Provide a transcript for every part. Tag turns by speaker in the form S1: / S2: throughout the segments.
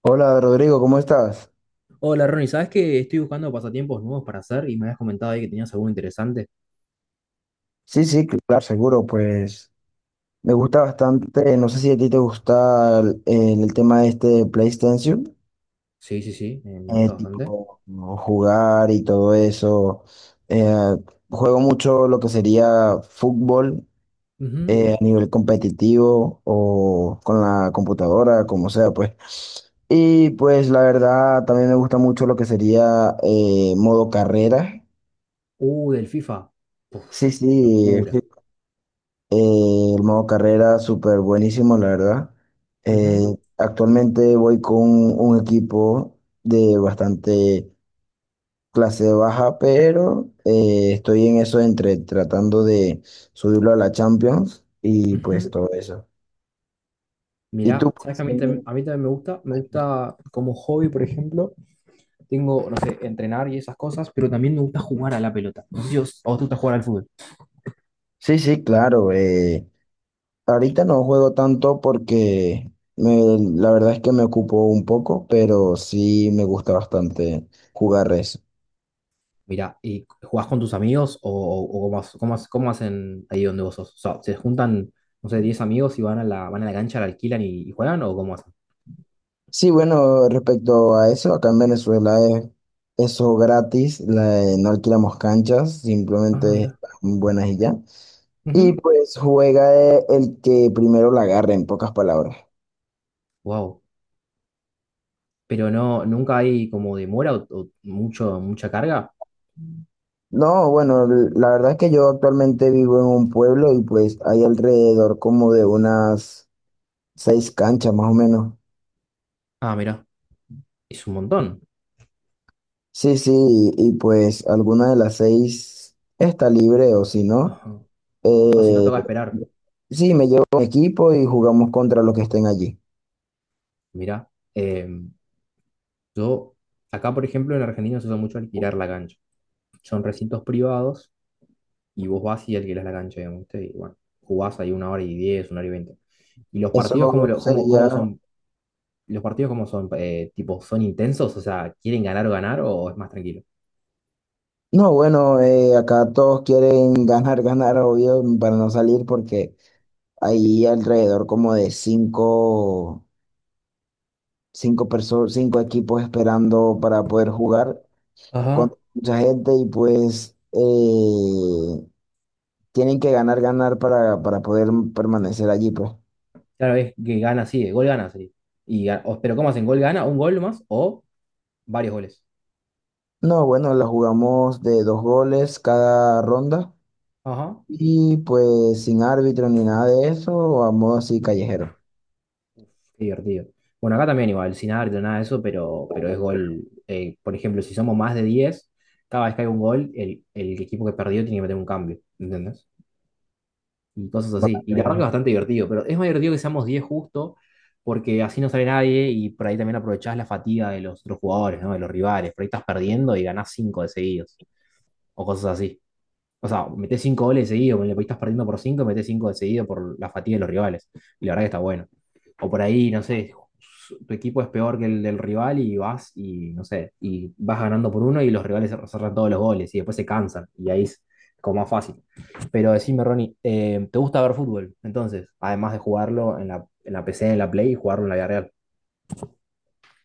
S1: Hola Rodrigo, ¿cómo estás?
S2: Hola Ronnie, ¿sabes que estoy buscando pasatiempos nuevos para hacer y me habías comentado ahí que tenías algo interesante?
S1: Sí, sí, claro, seguro, pues me gusta bastante, no sé si a ti te gusta el tema este de PlayStation,
S2: Sí, sí, sí, me gusta bastante.
S1: tipo ¿no? jugar y todo eso. Eh, Juego mucho lo que sería fútbol
S2: Ujú.
S1: a nivel competitivo o con la computadora, como sea, pues. Y pues la verdad, también me gusta mucho lo que sería modo carrera.
S2: Del FIFA. Puf,
S1: Sí, sí,
S2: locura.
S1: El modo carrera, súper buenísimo, la verdad. Eh,
S2: Ujú,
S1: Actualmente voy con un equipo de bastante clase baja, pero estoy en eso entre tratando de subirlo a la Champions y pues
S2: ujú.
S1: todo eso. ¿Y tú?
S2: Mirá, ¿sabes que
S1: ¿Pues,
S2: a mí,
S1: también?
S2: a mí también me gusta? Me gusta como hobby, por ejemplo, tengo, no sé, entrenar y esas cosas, pero también me gusta jugar a la pelota. No sé si a vos te gusta jugar al fútbol.
S1: Sí, sí, claro. Ahorita no juego tanto porque la verdad es que me ocupo un poco, pero sí me gusta bastante jugar eso.
S2: Mirá, ¿y jugás con tus amigos o cómo, cómo hacen ahí donde vos sos? O sea, ¿se juntan, no sé, 10 amigos y van a la cancha, la alquilan y juegan o cómo hacen?
S1: Sí, bueno, respecto a eso, acá en Venezuela es eso gratis, no alquilamos canchas,
S2: Ah,
S1: simplemente
S2: mira.
S1: están buenas y ya. Y pues juega el que primero la agarre, en pocas palabras.
S2: Wow. Pero no, nunca hay como demora o mucha carga.
S1: No, bueno, la verdad es que yo actualmente vivo en un pueblo y pues hay alrededor como de unas 6 canchas más o menos.
S2: Ah, mira. Es un montón.
S1: Sí, sí, y pues alguna de las 6 está libre o si no.
S2: Ajá. O si no
S1: Eh,
S2: toca esperar.
S1: sí, me llevo mi equipo y jugamos contra los que estén allí.
S2: Mira. em, yo, acá por ejemplo en Argentina se usa mucho alquilar la cancha. Son recintos privados y vos vas y alquilás la cancha, digamos, ¿viste? Y bueno, jugás ahí una hora y diez, una hora y veinte. ¿Y los
S1: Eso
S2: partidos cómo, cómo
S1: sería...
S2: son? ¿Los partidos cómo son? Tipo, ¿son intensos? O sea, ¿quieren ganar o ganar o es más tranquilo?
S1: No, bueno, acá todos quieren ganar, ganar, obvio, para no salir porque hay alrededor como de cinco personas, 5 equipos esperando para poder jugar con mucha gente y pues tienen que ganar, ganar para poder permanecer allí, pues.
S2: Claro, es que gana así, de gol gana así. Pero ¿cómo hacen? ¿Gol gana? ¿Un gol más? ¿O varios goles?
S1: No, bueno, la jugamos de 2 goles cada ronda.
S2: Ajá.
S1: Y pues sin árbitro ni nada de eso, a modo así callejero.
S2: Qué divertido. Bueno, acá también igual, sin árbitro, nada de eso, pero es gol. Por ejemplo, si somos más de 10 cada vez que hay un gol, el equipo que perdió tiene que meter un cambio, ¿entendés? Y cosas así.
S1: Bastante
S2: Y la verdad que
S1: bien.
S2: es bastante divertido, pero es más divertido que seamos 10 justo, porque así no sale nadie y por ahí también aprovechás la fatiga de los otros jugadores, ¿no? De los rivales. Por ahí estás perdiendo y ganás 5 de seguidos, o cosas así. O sea, metés cinco goles seguidos, le estás perdiendo por cinco, metés cinco de seguido por la fatiga de los rivales. Y la verdad que está bueno. O por ahí, no sé, tu equipo es peor que el del rival y vas y, no sé, y vas ganando por uno y los rivales cerran todos los goles y después se cansan y ahí es como más fácil. Pero decime, Ronnie, ¿te gusta ver fútbol? Entonces, además de jugarlo en la PC, en la Play y jugarlo en la vida real.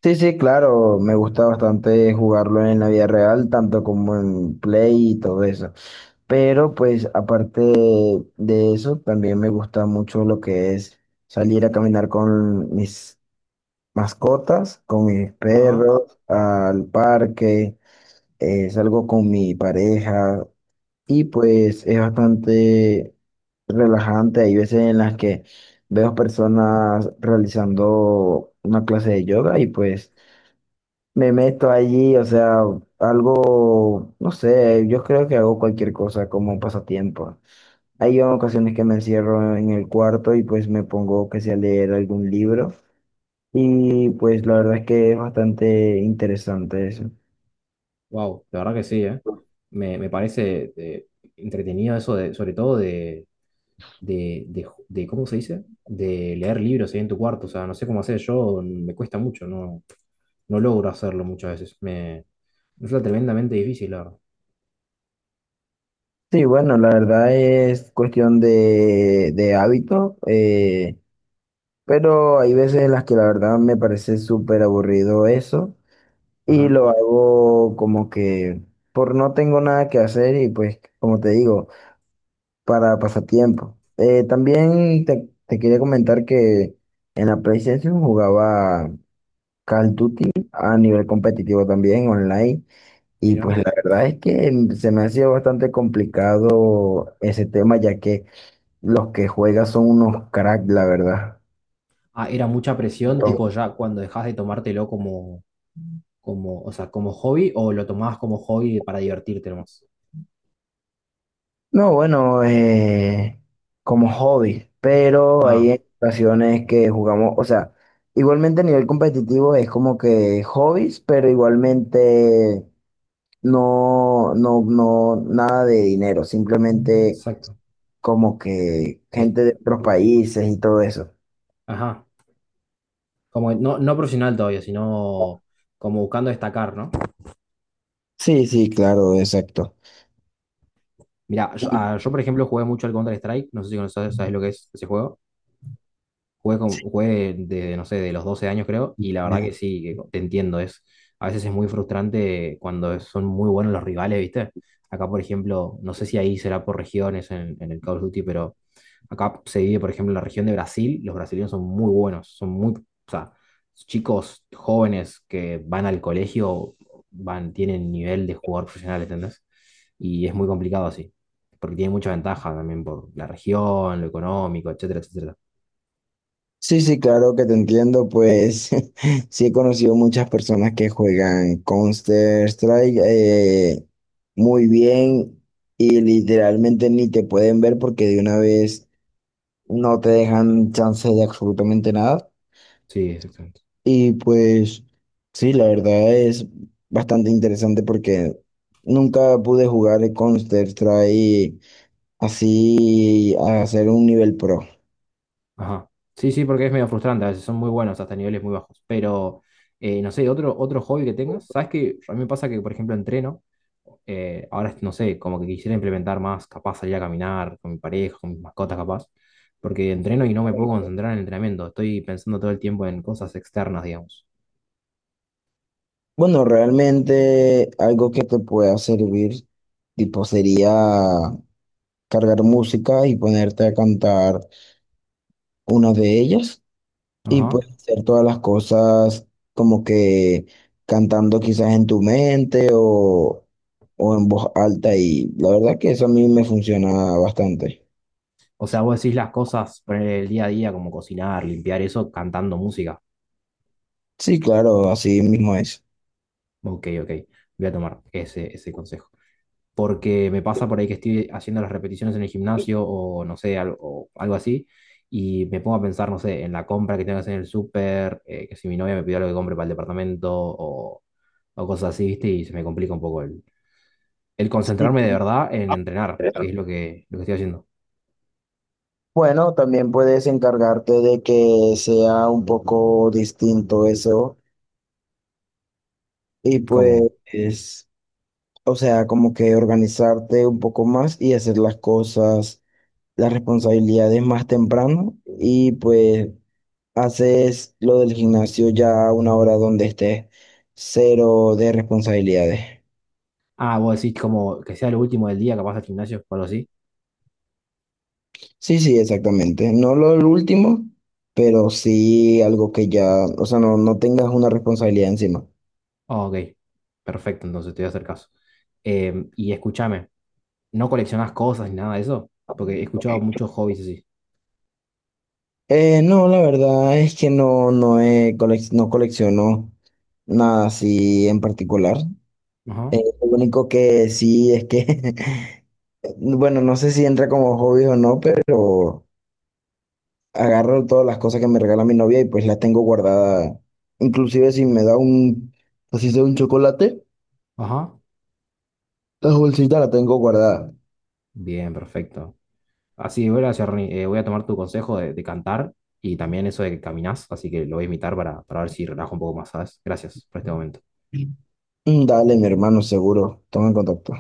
S1: Sí, sí, claro, me gusta bastante jugarlo en la vida real, tanto como en Play y todo eso. Pero pues aparte de eso, también me gusta mucho lo que es salir a caminar con mis mascotas, con mis
S2: Ajá,
S1: perros, al parque, salgo con mi pareja, y pues es bastante relajante. Hay veces en las que veo personas realizando una clase de yoga y pues me meto allí, o sea, algo, no sé, yo creo que hago cualquier cosa como un pasatiempo. Hay ocasiones que me encierro en el cuarto y pues me pongo que sea a leer algún libro y pues la verdad es que es bastante interesante eso.
S2: wow, la verdad que sí, ¿eh? Me parece entretenido eso, de, sobre todo de ¿cómo se dice? De leer libros ahí en tu cuarto. O sea, no sé cómo hacer yo, me cuesta mucho, no, no logro hacerlo muchas veces. Me resulta tremendamente difícil, la verdad.
S1: Sí, bueno, la verdad es cuestión de hábito. Pero hay veces en las que la verdad me parece súper aburrido eso y
S2: Ajá,
S1: lo hago como que por no tengo nada que hacer y pues como te digo, para pasatiempo. También te quería comentar que en la PlayStation jugaba Call of Duty a nivel competitivo también online y pues
S2: mira.
S1: la verdad es que se me ha sido bastante complicado ese tema ya que los que juegan son unos cracks, la verdad.
S2: Ah, era mucha presión, tipo ya cuando dejas de tomártelo como, o sea, como hobby o lo tomabas como hobby para divertirte nomás.
S1: No, bueno, como hobby, pero
S2: Ah,
S1: hay ocasiones que jugamos, o sea, igualmente a nivel competitivo es como que hobbies, pero igualmente no, nada de dinero, simplemente
S2: exacto.
S1: como que
S2: Es-
S1: gente de otros países y todo eso.
S2: ajá. Como no, no profesional todavía, sino como buscando destacar, ¿no?
S1: Sí, sí, claro, exacto.
S2: Mira, yo, por ejemplo jugué mucho al Counter-Strike, no sé si conoces, sabes lo que es ese juego. Jugué, con-
S1: Sí,
S2: jugué de, no sé, de los 12 años creo, y la verdad que sí, que te entiendo, a veces es muy frustrante cuando son muy buenos los rivales, ¿viste? Acá, por ejemplo, no sé si ahí será por regiones en el Call of Duty, pero acá se divide, por ejemplo, en la región de Brasil, los brasileños son muy buenos, son muy, o sea, chicos jóvenes que van al colegio, van, tienen nivel de jugador profesional, ¿entendés? Y es muy complicado así, porque tiene mucha ventaja también por la región, lo económico, etcétera, etcétera.
S1: sí, sí, claro que te entiendo, pues sí he conocido muchas personas que juegan Counter-Strike muy bien y literalmente ni te pueden ver porque de una vez no te dejan chance de absolutamente nada.
S2: Sí, exacto.
S1: Y pues sí, la verdad es bastante interesante porque nunca pude jugar Counter-Strike así a hacer un nivel pro.
S2: Ajá. Sí, sí, porque es medio frustrante, a veces son muy buenos hasta niveles muy bajos. Pero, no sé, otro, otro hobby que tengas, ¿sabes qué? A mí me pasa que, por ejemplo, entreno, ahora, no sé, como que quisiera implementar más, capaz salir a caminar con mi pareja, con mis mascotas, capaz, porque entreno y no me puedo concentrar en el entrenamiento, estoy pensando todo el tiempo en cosas externas, digamos.
S1: Bueno, realmente algo que te pueda servir, tipo, sería cargar música y ponerte a cantar una de ellas y
S2: Ajá.
S1: pues hacer todas las cosas como que cantando quizás en tu mente o en voz alta y la verdad que eso a mí me funciona bastante.
S2: O sea, vos decís las cosas, poner el día a día, como cocinar, limpiar eso, cantando música.
S1: Sí, claro, así mismo es.
S2: Ok, ok, voy a tomar ese, ese consejo. Porque me pasa por ahí que estoy haciendo las repeticiones en el gimnasio o no sé, algo, o algo así, y me pongo a pensar, no sé, en la compra que tengo que hacer en el súper, que si mi novia me pidió algo que compre para el departamento o cosas así, ¿viste? Y se me complica un poco el concentrarme de verdad en entrenar, que es lo que estoy haciendo.
S1: Bueno, también puedes encargarte de que sea un poco distinto eso y
S2: Como,
S1: pues... O sea, como que organizarte un poco más y hacer las cosas, las responsabilidades más temprano y pues haces lo del gimnasio ya a una hora donde estés cero de responsabilidades.
S2: vos decís como que sea lo último del día, capaz al gimnasio o algo así.
S1: Sí, sí, exactamente. No lo el último, pero sí algo que ya, o sea, no tengas una responsabilidad encima.
S2: Ah, ok, perfecto, entonces te voy a hacer caso. Y escúchame, ¿no coleccionás cosas ni nada de eso? Porque he
S1: Ok.
S2: escuchado muchos hobbies así.
S1: No, la verdad es que no colecciono nada así en particular.
S2: Ajá.
S1: Lo único que sí es que, bueno, no sé si entra como hobby o no, pero agarro todas las cosas que me regala mi novia y pues las tengo guardadas. Inclusive si me da un, así sea un chocolate,
S2: Ajá.
S1: la bolsita la tengo guardada.
S2: Bien, perfecto. Así, voy a tomar tu consejo de cantar y también eso de que caminás, así que lo voy a imitar para ver si relajo un poco más, ¿sabes? Gracias por este momento.
S1: Mm, dale, mi hermano, seguro. Toma en contacto.